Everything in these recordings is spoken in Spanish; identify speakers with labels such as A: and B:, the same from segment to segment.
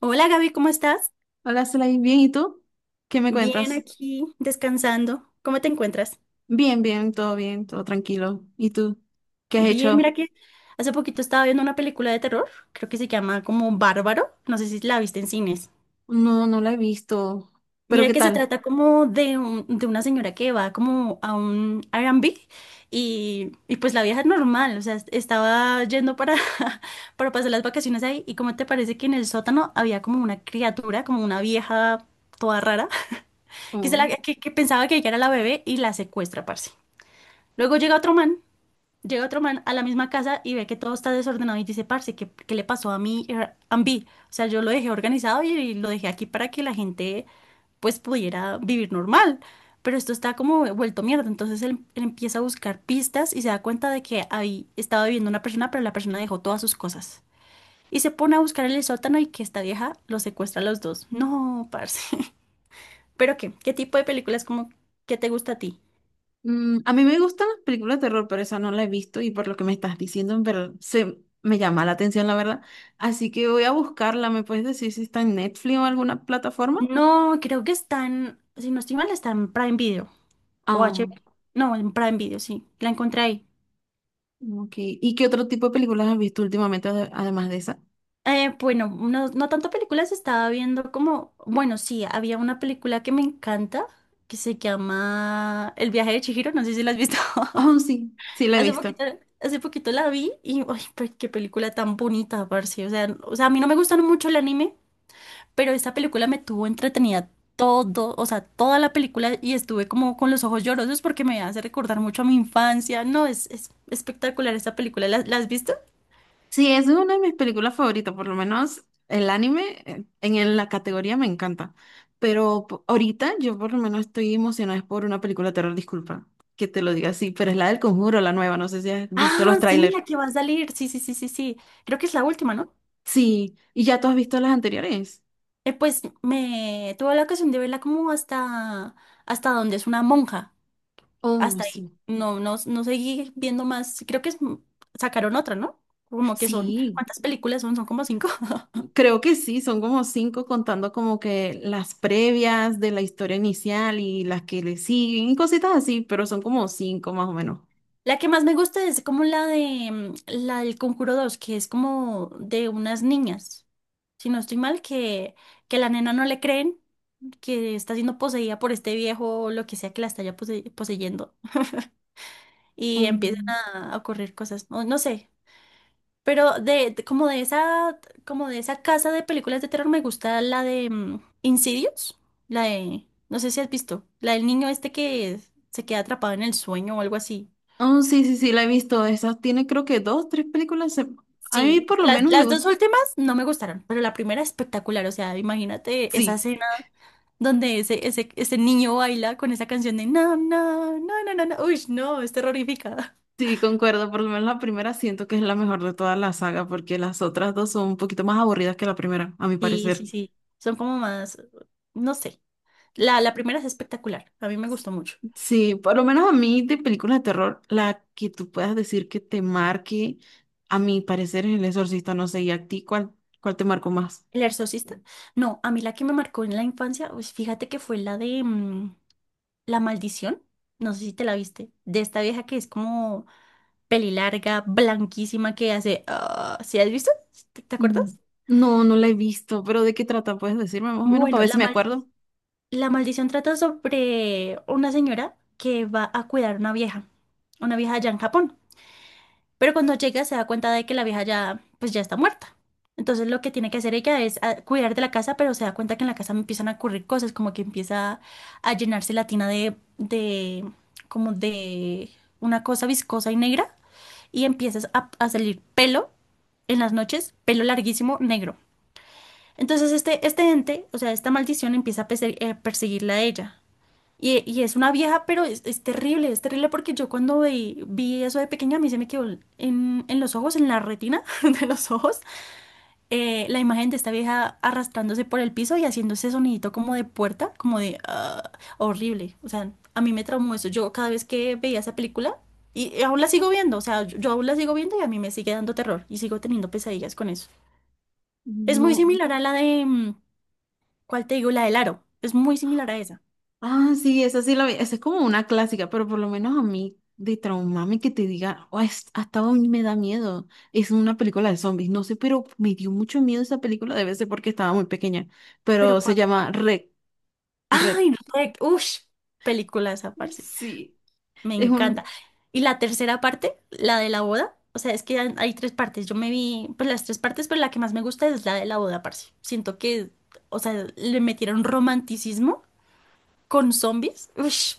A: Hola Gaby, ¿cómo estás?
B: Hola, Slay, bien, ¿y tú? ¿Qué me
A: Bien
B: cuentas?
A: aquí, descansando. ¿Cómo te encuentras?
B: Bien, bien, todo tranquilo. ¿Y tú? ¿Qué has
A: Bien,
B: hecho?
A: mira que hace poquito estaba viendo una película de terror, creo que se llama como Bárbaro, no sé si la viste en cines.
B: No, no la he visto. ¿Pero
A: Mira
B: qué
A: que se
B: tal?
A: trata como de una señora que va como a un R&B y pues la vieja es normal, o sea, estaba yendo para, para pasar las vacaciones ahí y cómo te parece que en el sótano había como una criatura, como una vieja toda rara, que, se la,
B: Oh.
A: que, que pensaba que ella era la bebé y la secuestra, parce. Luego llega otro man a la misma casa y ve que todo está desordenado y dice, parce, ¿qué le pasó a mi Airbnb? O sea, yo lo dejé organizado y lo dejé aquí para que la gente pues pudiera vivir normal. Pero esto está como vuelto mierda. Entonces él empieza a buscar pistas y se da cuenta de que ahí estaba viviendo una persona, pero la persona dejó todas sus cosas. Y se pone a buscar en el sótano y que esta vieja los secuestra a los dos. No, parce. ¿Pero qué? ¿Qué tipo de películas como que te gusta a ti?
B: A mí me gustan las películas de terror, pero esa no la he visto y por lo que me estás diciendo, pero se me llama la atención, la verdad. Así que voy a buscarla. ¿Me puedes decir si está en Netflix o alguna plataforma?
A: No, creo que está en, si no estoy mal, está en Prime Video o
B: Ah, ok.
A: HBO. No, en Prime Video, sí, la encontré ahí.
B: Ok. ¿Y qué otro tipo de películas has visto últimamente además de esa?
A: Bueno, no, no tanto películas, estaba viendo como, bueno, sí, había una película que me encanta que se llama El viaje de Chihiro, no sé si la has visto.
B: Oh, sí, sí la he
A: Hace
B: visto.
A: poquito, hace poquito la vi y, ay, pe- qué película tan bonita, parce. O sea, a mí no me gustan mucho el anime, pero esta película me tuvo entretenida todo, o sea, toda la película y estuve como con los ojos llorosos porque me hace recordar mucho a mi infancia. No, es espectacular esta película. ¿La has visto?
B: Sí, es una de mis películas favoritas, por lo menos el anime en la categoría me encanta. Pero ahorita yo por lo menos estoy emocionada es por una película de terror, disculpa que te lo diga así, pero es la del Conjuro, la nueva, no sé si has visto los
A: Ah, sí,
B: trailers.
A: la que va a salir. Sí, sí, sí, sí, sí. Creo que es la última, ¿no?
B: Sí, ¿y ya tú has visto las anteriores?
A: Pues me tuve la ocasión de verla como hasta donde es una monja.
B: Oh,
A: Hasta ahí.
B: sí.
A: No, no, no seguí viendo más. Creo que es- sacaron otra, ¿no? Como que son,
B: Sí,
A: ¿cuántas películas son? Son como cinco.
B: creo que sí, son como cinco contando como que las previas de la historia inicial y las que le siguen y cositas así, pero son como cinco más o menos.
A: La que más me gusta es como la de la del Conjuro Dos, que es como de unas niñas, si no estoy mal, que la nena no le creen, que está siendo poseída por este viejo o lo que sea que la está ya pose- poseyendo y empiezan a ocurrir cosas, no, no sé. Pero como de esa casa de películas de terror me gusta la de Insidious, la de no sé si has visto, la del niño este que se queda atrapado en el sueño o algo así.
B: Oh, sí, sí, sí, la he visto. Esa tiene creo que dos, tres películas. A mí
A: Sí,
B: por lo
A: las,
B: menos me
A: las dos
B: gusta.
A: últimas no me gustaron, pero la primera espectacular, o sea, imagínate esa
B: Sí,
A: escena donde ese niño baila con esa canción de no, no, no, no, no, no, uy, no, es terrorífica.
B: sí, concuerdo. Por lo menos la primera siento que es la mejor de toda la saga porque las otras dos son un poquito más aburridas que la primera, a mi
A: Sí, sí,
B: parecer.
A: sí, son como más, no sé, la primera es espectacular, a mí me gustó mucho.
B: Sí, por lo menos a mí de películas de terror, la que tú puedas decir que te marque, a mi parecer es El Exorcista, no sé, ¿y a ti cuál, cuál te marcó más?
A: El exorcista, no, a mí la que me marcó en la infancia, pues fíjate que fue la de La Maldición, no sé si te la viste, de esta vieja que es como peli larga, blanquísima, que hace... ah, ¿sí has visto? ¿Te
B: Mm.
A: acuerdas?
B: No, no la he visto, pero ¿de qué trata? ¿Puedes decirme más o menos para
A: Bueno,
B: ver si
A: la
B: me
A: maldi-
B: acuerdo?
A: la maldición trata sobre una señora que va a cuidar una vieja allá en Japón. Pero cuando llega se da cuenta de que la vieja ya, pues ya está muerta. Entonces lo que tiene que hacer ella es ah, cuidar de la casa, pero se da cuenta que en la casa empiezan a ocurrir cosas, como que empieza a llenarse la tina como de una cosa viscosa y negra y empiezas a salir pelo en las noches, pelo larguísimo, negro. Entonces este ente, o sea, esta maldición empieza a perse- perseguirla a ella. Y es una vieja, pero es terrible porque yo cuando vi eso de pequeña, a mí se me quedó en los ojos, en la retina de los ojos, la imagen de esta vieja arrastrándose por el piso y haciendo ese sonidito como de puerta, como de ah, horrible. O sea, a mí me traumó eso. Yo cada vez que veía esa película, y, aún la sigo viendo, o sea, yo aún la sigo viendo y a mí me sigue dando terror y sigo teniendo pesadillas con eso. Es muy
B: No.
A: similar a la de, ¿cuál te digo? La del Aro. Es muy similar a esa.
B: Ah, sí, esa sí la vi. Esa es como una clásica, pero por lo menos a mí, de traumame que te diga: "Oh, hasta hoy me da miedo". Es una película de zombies, no sé, pero me dio mucho miedo esa película, debe ser porque estaba muy pequeña.
A: Pero
B: Pero se
A: ¿cuál,
B: llama
A: cuál?
B: Red. Red.
A: Ay, Rec. Ush, película esa parte.
B: Sí,
A: Me
B: es
A: encanta.
B: un.
A: Y la tercera parte, la de la boda. O sea, es que hay tres partes. Yo me vi, pues las tres partes, pero la que más me gusta es la de la boda, parce. Siento que, o sea, le metieron romanticismo con zombies. Ush,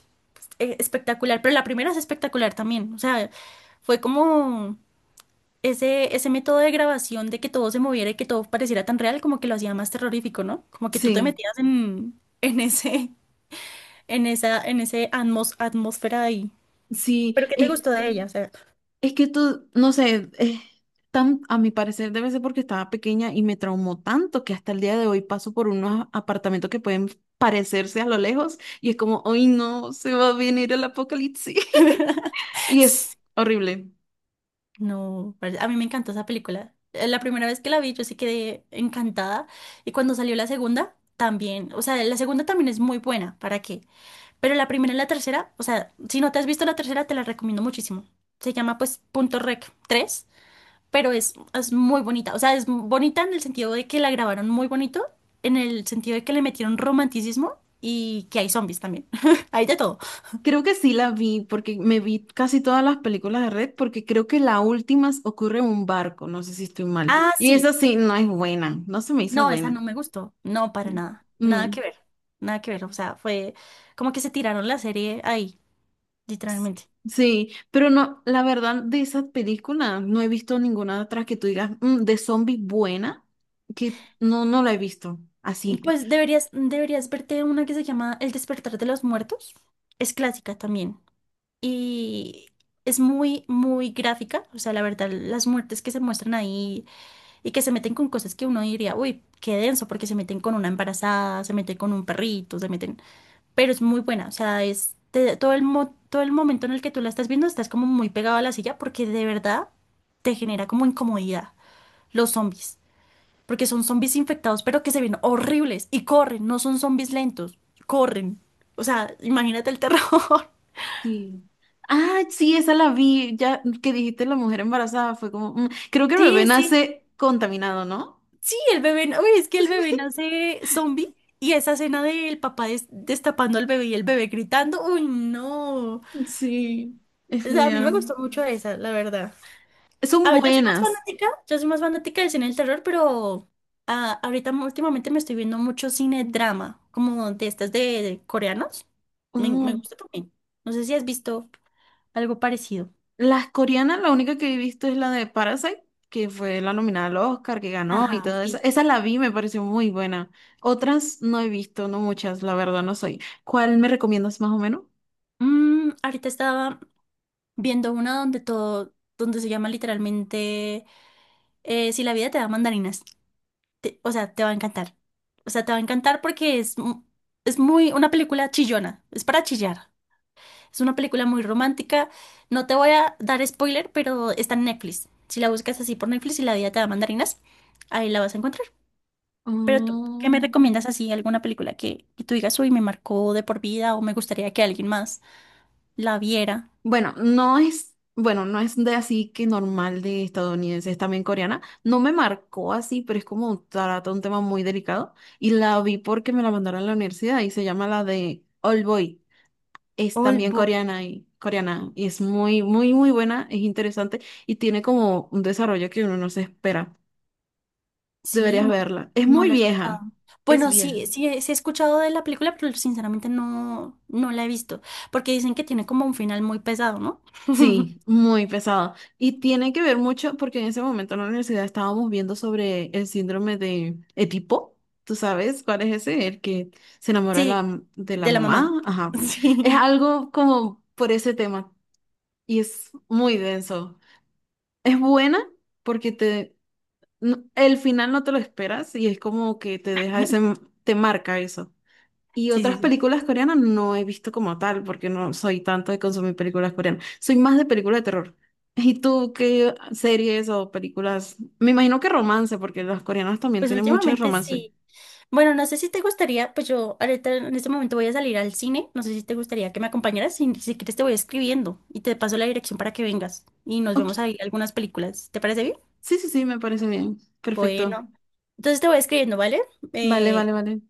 A: espectacular. Pero la primera es espectacular también. O sea, fue como ese método de grabación de que todo se moviera y que todo pareciera tan real, como que lo hacía más terrorífico, ¿no? Como que tú te
B: Sí,
A: metías en ese, en esa, en ese atmos- atmósfera de ahí.
B: sí.
A: ¿Pero qué te
B: Es.
A: gustó de ella? O sea,
B: Es que tú, no sé, a mi parecer debe ser porque estaba pequeña y me traumó tanto que hasta el día de hoy paso por unos apartamentos que pueden parecerse a lo lejos y es como, hoy no, se va a venir el apocalipsis. Y es horrible.
A: no, pare- a mí me encantó esa película. La primera vez que la vi, yo sí quedé encantada. Y cuando salió la segunda, también. O sea, la segunda también es muy buena, ¿para qué? Pero la primera y la tercera, o sea, si no te has visto la tercera, te la recomiendo muchísimo. Se llama pues Punto Rec tres, pero es muy bonita. O sea, es bonita en el sentido de que la grabaron muy bonito, en el sentido de que le metieron romanticismo y que hay zombies también. Hay de todo.
B: Creo que sí la vi porque me vi casi todas las películas de Red porque creo que la última ocurre en un barco, no sé si estoy mal.
A: Ah,
B: Y
A: sí.
B: esa sí no es buena, no se me hizo
A: No, esa
B: buena.
A: no me gustó. No, para nada. Nada
B: Mm.
A: que ver. Nada que ver. O sea, fue como que se tiraron la serie ahí, literalmente.
B: Sí, pero no, la verdad de esas películas no he visto ninguna otra que tú digas: "Mm, de zombie buena", que no, no la he visto así.
A: Pues deberías verte una que se llama El despertar de los muertos. Es clásica también. Y es muy, muy gráfica. O sea, la verdad, las muertes que se muestran ahí y que se meten con cosas que uno diría, uy, qué denso, porque se meten con una embarazada, se meten con un perrito, se meten, pero es muy buena, o sea, es te- todo el mo- todo el momento en el que tú la estás viendo estás como muy pegado a la silla porque de verdad te genera como incomodidad los zombies, porque son zombies infectados, pero que se ven horribles y corren, no son zombies lentos, corren. O sea, imagínate el terror.
B: Sí. Ah, sí, esa la vi, ya que dijiste la mujer embarazada, fue como: "Mm, creo que el bebé
A: Sí, sí.
B: nace contaminado, ¿no?".
A: Sí, el bebé, uy, es que el bebé nace zombie y esa escena del papá des- destapando al bebé y el bebé gritando, uy, no. O
B: Sí, es
A: sea, a mí me
B: fea.
A: gustó mucho esa, la verdad.
B: Son
A: A ver, yo soy más
B: buenas.
A: fanática, yo soy más fanática del cine del terror, pero últimamente me estoy viendo mucho cine drama, como de estas de coreanos. Me
B: Mm.
A: gusta también. No sé si has visto algo parecido.
B: Las coreanas, la única que he visto es la de Parasite, que fue la nominada al Oscar, que ganó y
A: Ajá,
B: todo eso.
A: sí.
B: Esa la vi, me pareció muy buena. Otras no he visto, no muchas, la verdad no soy. ¿Cuál me recomiendas más o menos?
A: Mm, ahorita estaba, viendo una donde se llama literalmente Si la vida te da mandarinas. O sea, te va a encantar. O sea, te va a encantar porque es muy una película chillona, es para chillar. Es una película muy romántica. No te voy a dar spoiler, pero está en Netflix. Si la buscas así por Netflix y la vida te da mandarinas, ahí la vas a encontrar. Pero tú, ¿qué me
B: Mm,
A: recomiendas así? ¿Alguna película que tú digas, uy, me marcó de por vida o me gustaría que alguien más la viera?
B: bueno, no es, bueno, no es de así que normal de estadounidense, es también coreana. No me marcó así, pero es como trata un tema muy delicado. Y la vi porque me la mandaron a la universidad y se llama la de All Boy. Es
A: Old
B: también
A: Boy.
B: coreana y coreana y es muy, muy, muy buena, es interesante y tiene como un desarrollo que uno no se espera.
A: Sí,
B: Deberías
A: no,
B: verla. Es
A: no
B: muy
A: la he escuchado.
B: vieja, es
A: Bueno,
B: vieja.
A: sí, sí, sí he escuchado de la película, pero sinceramente no, no la he visto, porque dicen que tiene como un final muy pesado, ¿no?
B: Sí, muy pesada. Y tiene que ver mucho porque en ese momento en la universidad estábamos viendo sobre el síndrome de Edipo. ¿Tú sabes cuál es ese? El que se enamora de
A: Sí,
B: de la
A: de la mamá.
B: mamá. Ajá. Es
A: Sí.
B: algo como por ese tema y es muy denso. Es buena porque te el final no te lo esperas y es como que te deja ese, te marca eso. Y
A: Sí, sí,
B: otras
A: sí.
B: películas coreanas no he visto como tal, porque no soy tanto de consumir películas coreanas. Soy más de películas de terror. ¿Y tú qué series o películas? Me imagino que romance, porque las coreanas también
A: Pues
B: tienen muchos
A: últimamente
B: romances.
A: sí. Bueno, no sé si te gustaría, pues yo ahorita en este momento voy a salir al cine, no sé si te gustaría que me acompañaras, si, si quieres te voy escribiendo y te paso la dirección para que vengas y nos vemos
B: Ok,
A: ahí algunas películas. ¿Te parece bien?
B: sí, sí, sí, me parece bien. Perfecto.
A: Bueno, entonces te voy escribiendo, ¿vale?
B: Vale,
A: Eh,
B: vale, vale.